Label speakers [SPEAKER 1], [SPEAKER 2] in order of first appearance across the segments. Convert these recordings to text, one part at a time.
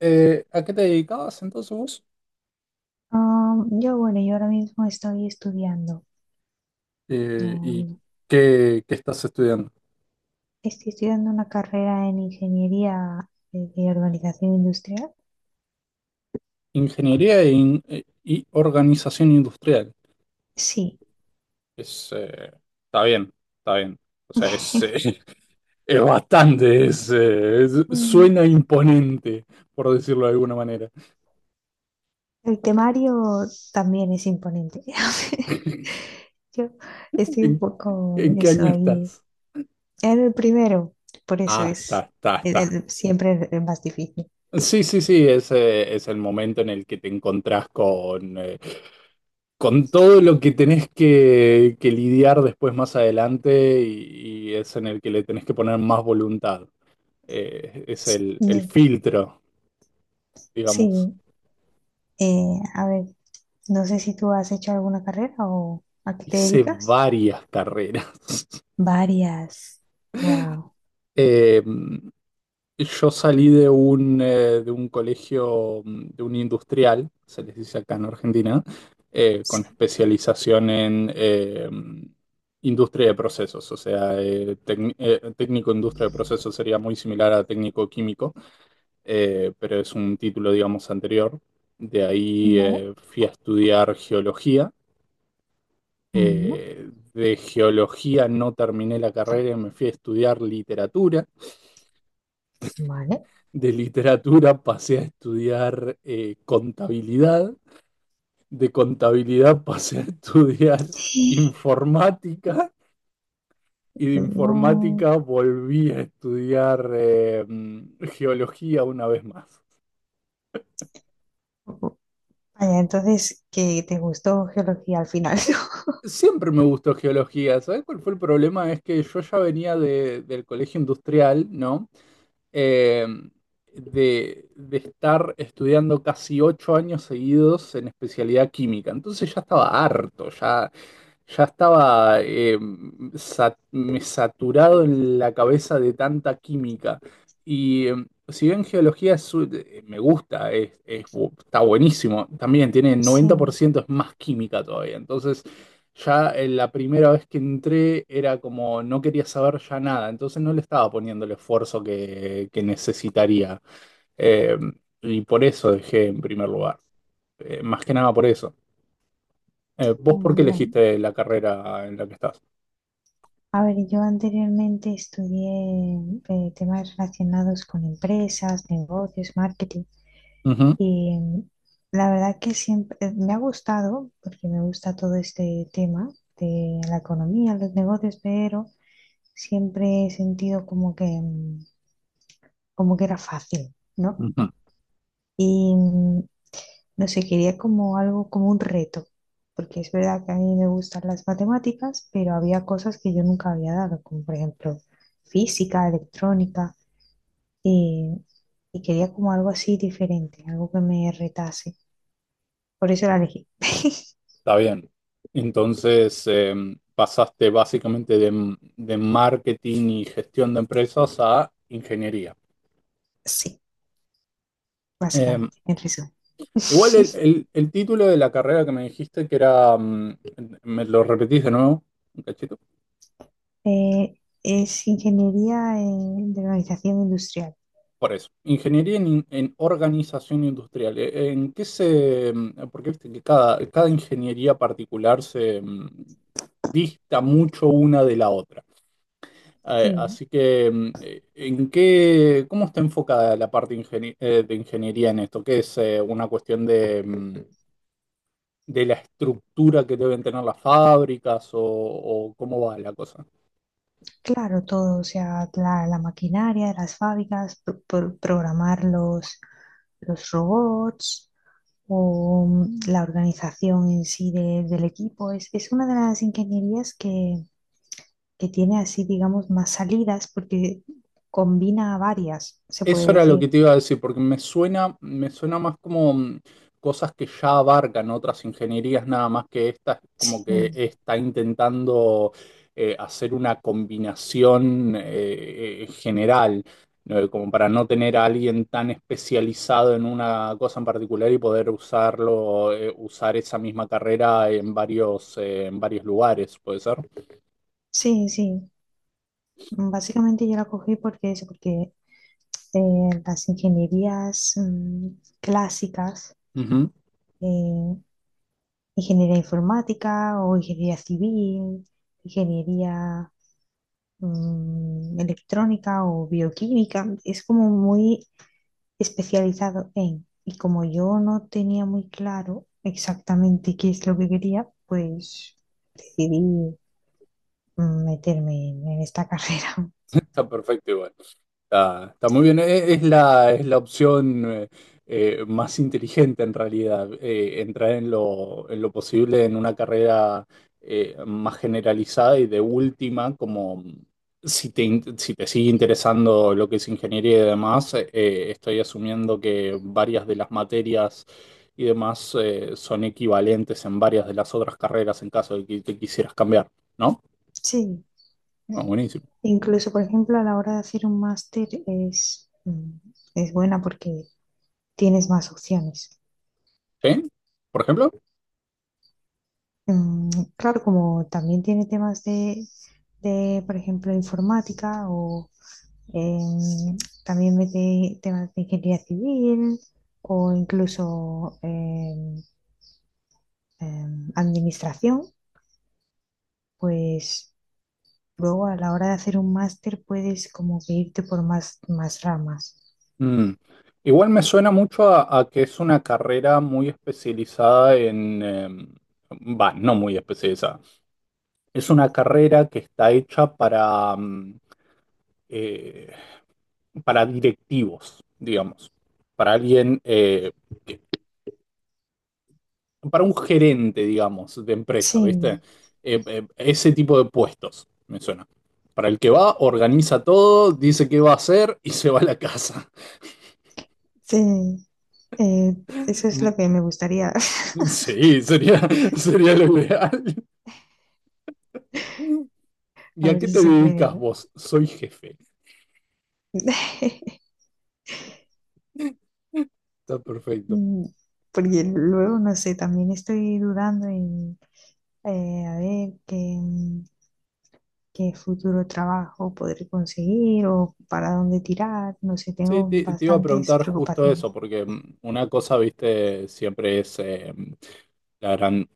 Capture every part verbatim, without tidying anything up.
[SPEAKER 1] Eh, ¿a qué te dedicabas entonces vos?
[SPEAKER 2] Am, yo, bueno, yo ahora mismo estoy estudiando,
[SPEAKER 1] Eh,
[SPEAKER 2] no,
[SPEAKER 1] ¿y
[SPEAKER 2] no,
[SPEAKER 1] qué, qué estás estudiando?
[SPEAKER 2] estoy estudiando una carrera en ingeniería de, de organización industrial.
[SPEAKER 1] Ingeniería e in- e- y organización industrial.
[SPEAKER 2] Sí.
[SPEAKER 1] Es, eh, está bien, está bien. O sea, es, eh, es bastante, es, eh, es-
[SPEAKER 2] Mm,
[SPEAKER 1] suena imponente, por decirlo de alguna manera.
[SPEAKER 2] el temario también es imponente. Yo estoy un
[SPEAKER 1] ¿En,
[SPEAKER 2] poco
[SPEAKER 1] ¿En qué
[SPEAKER 2] eso
[SPEAKER 1] año
[SPEAKER 2] ahí.
[SPEAKER 1] estás?
[SPEAKER 2] Era el primero, por eso
[SPEAKER 1] Ah, está,
[SPEAKER 2] es
[SPEAKER 1] está,
[SPEAKER 2] el-
[SPEAKER 1] está.
[SPEAKER 2] el- siempre el más difícil.
[SPEAKER 1] Sí, sí, sí, es, eh, es el momento en el que te encontrás con, eh, con todo lo que tenés que, que lidiar después más adelante y, y es en el que le tenés que poner más voluntad. Eh, es el, el
[SPEAKER 2] Mm,
[SPEAKER 1] filtro, digamos.
[SPEAKER 2] sí, eh, a ver, no sé si tú has hecho alguna carrera o a qué te
[SPEAKER 1] Hice
[SPEAKER 2] dedicas.
[SPEAKER 1] varias carreras.
[SPEAKER 2] Varias. Wow.
[SPEAKER 1] Eh, Yo salí de un, eh, de un colegio, mm, de un industrial, se les dice acá en Argentina, eh, con
[SPEAKER 2] Sí.
[SPEAKER 1] especialización en eh, mm, industria de procesos, o sea, eh, tec- eh, técnico industria de procesos sería muy similar a técnico químico, eh, pero es un título, digamos, anterior. De ahí
[SPEAKER 2] Vale.
[SPEAKER 1] eh, fui a estudiar geología.
[SPEAKER 2] Mm,
[SPEAKER 1] Eh, de geología no terminé la carrera y me fui a estudiar literatura.
[SPEAKER 2] vale.
[SPEAKER 1] de literatura pasé a estudiar eh, contabilidad, de contabilidad pasé a estudiar
[SPEAKER 2] Sí.
[SPEAKER 1] informática y de
[SPEAKER 2] Mm,
[SPEAKER 1] informática volví a estudiar eh, geología una vez más.
[SPEAKER 2] Vaya, entonces, que te gustó geología al final, ¿no?
[SPEAKER 1] Siempre me gustó geología. ¿Sabes cuál fue el problema? Es que yo ya venía de, del colegio industrial, ¿no? eh, de, de estar estudiando casi ocho años seguidos en especialidad química. Entonces ya estaba harto, ya, ya estaba eh, sa- me saturado en la cabeza de tanta química. Y eh, si bien geología es su- eh, me gusta, es, es bu- está buenísimo, también tiene noventa por
[SPEAKER 2] Sí.
[SPEAKER 1] ciento es más química todavía. Entonces ya eh, la primera vez que entré era como no quería saber ya nada, entonces no le estaba poniendo el esfuerzo que, que necesitaría. Eh, y por eso dejé en primer lugar. Eh, más que nada por eso. Eh, ¿vos por
[SPEAKER 2] Mm,
[SPEAKER 1] qué
[SPEAKER 2] Bueno,
[SPEAKER 1] elegiste la carrera en la que estás?
[SPEAKER 2] a ver, yo anteriormente estudié eh, temas relacionados con empresas, negocios, marketing
[SPEAKER 1] Ujú,
[SPEAKER 2] y mm, la verdad que siempre eh, me ha gustado porque me gusta todo este tema de la economía, los negocios, pero siempre he sentido como que, mm, como que era fácil, ¿no?
[SPEAKER 1] ujú.
[SPEAKER 2] Y mm, no sé, quería como algo, como un reto, porque es verdad que a mí me gustan las matemáticas, pero había cosas que yo nunca había dado, como por ejemplo física, electrónica, y, y quería como algo así diferente, algo que me retase. Por eso la elegí.
[SPEAKER 1] Está bien. Entonces eh, Pasaste básicamente de, de marketing y gestión de empresas a ingeniería.
[SPEAKER 2] Sí,
[SPEAKER 1] Eh,
[SPEAKER 2] básicamente, en resumen.
[SPEAKER 1] Igual el, el- el título de la carrera que me dijiste que era, mm, me lo repetís de nuevo, un cachito,
[SPEAKER 2] Eh, es ingeniería eh, de organización industrial.
[SPEAKER 1] por eso. Ingeniería en, en organización industrial. Eh, ¿En qué se, mm, porque viste que cada, cada ingeniería particular se mm, dista mucho una de la otra? Eh,
[SPEAKER 2] Sí,
[SPEAKER 1] así que, mm, eh, ¿en qué, cómo está enfocada la parte ingeni- eh, de ingeniería en esto? ¿Qué es eh, una cuestión de, mm, de la estructura que deben tener las fábricas o o cómo va la cosa?
[SPEAKER 2] claro, todo, o sea, la, la maquinaria de las fábricas, pro- pro- programar los, los robots o mm, la organización en sí de- del equipo. Es, es una de las ingenierías que, que tiene así, digamos, más salidas porque combina varias, se puede
[SPEAKER 1] Eso era lo
[SPEAKER 2] decir.
[SPEAKER 1] que te iba a decir, porque me suena, me suena más como mm, cosas que ya abarcan otras ingenierías, nada más que esta, es como
[SPEAKER 2] Sí,
[SPEAKER 1] que está intentando eh, hacer una combinación eh, eh, general, ¿no? Como para no tener a alguien tan especializado en una cosa en particular y poder usarlo, eh, usar esa misma carrera en varios, eh, en varios lugares, ¿puede ser?
[SPEAKER 2] sí, sí. Básicamente yo la cogí porque eso, porque eh, las ingenierías mm, clásicas.
[SPEAKER 1] Ujú.
[SPEAKER 2] eh, Ingeniería informática o ingeniería civil, ingeniería mm, electrónica o bioquímica. Es como muy especializado en. Y como yo no tenía muy claro exactamente qué es lo que quería, pues decidí mm, meterme en, en esta carrera.
[SPEAKER 1] Está perfecto igual. Está, está muy bien. E- Es, la, es la opción eh, eh, más inteligente en realidad. Eh, entrar en lo, en lo posible en una carrera eh, más generalizada y de última, como si te, in- si te sigue interesando lo que es ingeniería y demás, eh, estoy asumiendo que varias de las materias y demás eh, son equivalentes en varias de las otras carreras en caso de que te quisieras cambiar, ¿no?
[SPEAKER 2] Sí,
[SPEAKER 1] Bueno, buenísimo.
[SPEAKER 2] incluso por ejemplo a la hora de hacer un máster es, mm, es buena porque tienes más opciones.
[SPEAKER 1] ¿Sí? ¿Por ejemplo?
[SPEAKER 2] Mm, claro, como también tiene temas de, de, por ejemplo, informática o em, también mete temas de ingeniería civil o incluso em, em, administración, pues luego a la hora de hacer un máster puedes como que irte por más, más ramas.
[SPEAKER 1] Mm. Igual me suena mucho a, a que es una carrera muy especializada en... em, Va, no muy especializada. Es una carrera que está hecha para, mm, eh, para directivos, digamos. Para alguien, eh, que- para un gerente, digamos, de empresa, ¿viste?
[SPEAKER 2] Sí,
[SPEAKER 1] Eh, eh, ese tipo de puestos, me suena. Para el que va, organiza todo, dice qué va a hacer y se va a la casa.
[SPEAKER 2] sí, eh, eso es
[SPEAKER 1] Mm,
[SPEAKER 2] lo que me gustaría,
[SPEAKER 1] Sí, sería, sería lo ideal. ¿Y
[SPEAKER 2] a
[SPEAKER 1] a
[SPEAKER 2] ver
[SPEAKER 1] qué
[SPEAKER 2] si
[SPEAKER 1] te
[SPEAKER 2] se puede,
[SPEAKER 1] dedicas
[SPEAKER 2] ¿no?
[SPEAKER 1] vos? Soy jefe. Está perfecto.
[SPEAKER 2] Mm, Porque luego, no sé, también estoy dudando en eh, a ver qué, qué, futuro trabajo podré conseguir o para dónde tirar. No sé,
[SPEAKER 1] Sí,
[SPEAKER 2] tengo
[SPEAKER 1] te, te iba a
[SPEAKER 2] bastantes
[SPEAKER 1] preguntar justo eso,
[SPEAKER 2] preocupaciones.
[SPEAKER 1] porque mm, una cosa, viste, siempre es eh, la gran,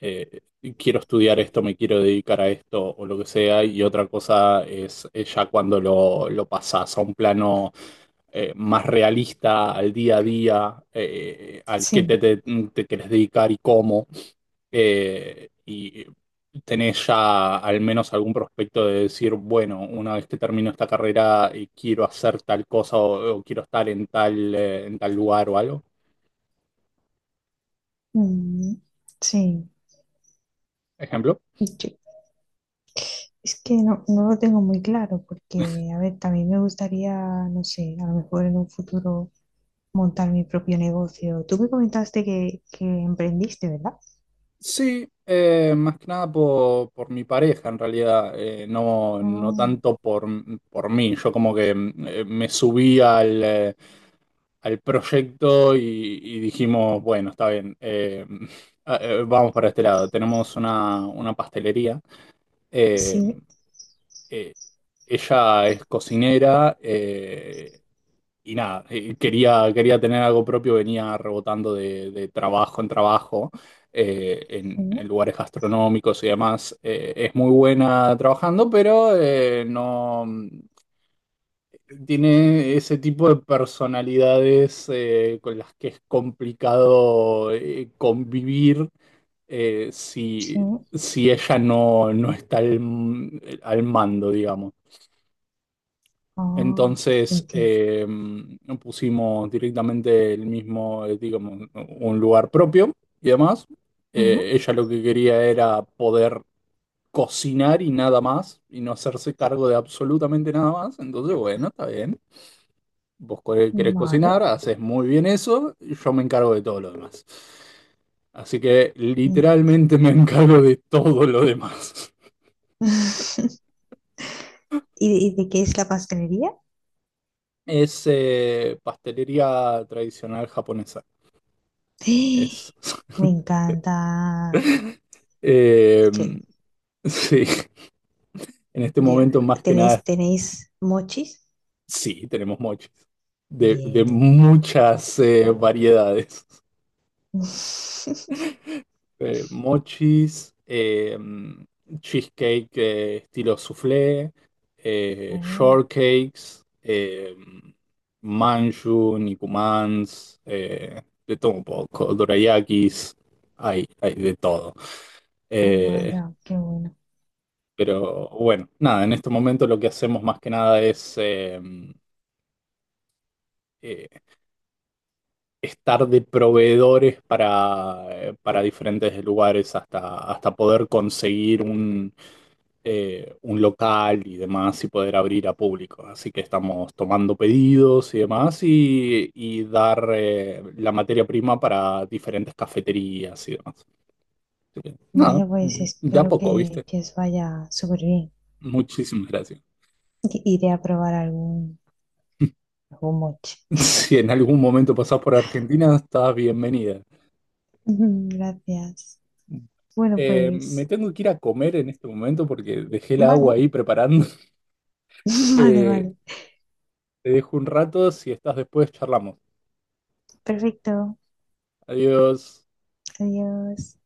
[SPEAKER 1] eh, quiero estudiar esto, me quiero dedicar a esto o lo que sea, y otra cosa es, es ya cuando lo, lo pasás a un plano eh, más realista, al día a día, eh, al que te,
[SPEAKER 2] Sí,
[SPEAKER 1] te, te querés dedicar y cómo. Eh, y tenés ya al menos algún prospecto de decir, bueno, una vez que termino esta carrera eh, quiero hacer tal cosa o, o quiero estar en tal, eh, en tal lugar o algo,
[SPEAKER 2] mm, sí.
[SPEAKER 1] ejemplo.
[SPEAKER 2] Yo- es que no, no lo tengo muy claro porque, a ver, también me gustaría, no sé, a lo mejor en un futuro montar mi propio negocio. Tú me comentaste que, que emprendiste, ¿verdad?
[SPEAKER 1] Sí, eh, más que nada por, por mi pareja en realidad, eh, no, no
[SPEAKER 2] Ah,
[SPEAKER 1] tanto por, por mí. Yo como que mm, eh, me subí al, eh, al proyecto y, y dijimos, bueno, está bien, eh, ah, eh, vamos para este lado. Tenemos una, una pastelería. eh,
[SPEAKER 2] sí,
[SPEAKER 1] eh, Ella es cocinera eh, y nada, eh, quería, quería tener algo propio, venía rebotando de, de trabajo en trabajo eh, en,
[SPEAKER 2] mm,
[SPEAKER 1] en lugares gastronómicos y demás. Eh, es muy buena trabajando, pero eh, no mm, tiene ese tipo de personalidades eh, con las que es complicado eh, convivir eh,
[SPEAKER 2] sí.
[SPEAKER 1] si, si ella no, no está al, al mando, digamos.
[SPEAKER 2] Oh,
[SPEAKER 1] Entonces
[SPEAKER 2] entiendo.
[SPEAKER 1] eh, Pusimos directamente el mismo, eh, digamos, un lugar propio y demás. Eh,
[SPEAKER 2] Ujú,
[SPEAKER 1] ella lo que quería era poder cocinar y nada más, y no hacerse cargo de absolutamente nada más. Entonces, bueno, está bien. Vos co- querés
[SPEAKER 2] vale.
[SPEAKER 1] cocinar, haces muy bien eso, y yo me encargo de todo lo demás. Así que
[SPEAKER 2] Mm.
[SPEAKER 1] literalmente me encargo de todo lo demás.
[SPEAKER 2] ¿Y, y de qué es la pastelería?
[SPEAKER 1] Es eh, pastelería tradicional japonesa. Es.
[SPEAKER 2] Me encanta.
[SPEAKER 1] Eh,
[SPEAKER 2] Che,
[SPEAKER 1] sí, en este
[SPEAKER 2] yo-
[SPEAKER 1] momento más que
[SPEAKER 2] ¿Tenéis,
[SPEAKER 1] nada,
[SPEAKER 2] tenéis mochis?
[SPEAKER 1] sí, tenemos mochis de,
[SPEAKER 2] Bien,
[SPEAKER 1] de
[SPEAKER 2] bien.
[SPEAKER 1] muchas eh, variedades. Eh, mochis, eh, cheesecake eh, estilo soufflé, eh,
[SPEAKER 2] Oh,
[SPEAKER 1] shortcakes, eh, manju, nikumans, eh, de todo un poco, dorayakis, hay, hay de todo.
[SPEAKER 2] oh,
[SPEAKER 1] Eh,
[SPEAKER 2] vaya, qué bueno.
[SPEAKER 1] Pero bueno, nada, en este momento lo que hacemos más que nada es eh, eh, estar de proveedores para, eh, para diferentes lugares hasta, hasta poder conseguir un, eh, un local y demás y poder abrir a público. Así que estamos tomando pedidos y demás y, y dar eh, la materia prima para diferentes cafeterías y demás. Así que, nada,
[SPEAKER 2] Vaya, pues
[SPEAKER 1] de a
[SPEAKER 2] espero
[SPEAKER 1] poco,
[SPEAKER 2] que,
[SPEAKER 1] ¿viste?
[SPEAKER 2] que os vaya súper bien.
[SPEAKER 1] Muchísimas gracias.
[SPEAKER 2] I- Iré a probar algún, algún mochi.
[SPEAKER 1] Si en algún momento pasás por Argentina, estás bienvenida.
[SPEAKER 2] Ujú, gracias. Bueno,
[SPEAKER 1] Eh,
[SPEAKER 2] pues,
[SPEAKER 1] me tengo que ir a comer en este momento porque dejé el agua
[SPEAKER 2] vale.
[SPEAKER 1] ahí preparando.
[SPEAKER 2] Vale,
[SPEAKER 1] Eh,
[SPEAKER 2] vale.
[SPEAKER 1] te dejo un rato, si estás después, charlamos.
[SPEAKER 2] Perfecto.
[SPEAKER 1] Adiós.
[SPEAKER 2] Adiós.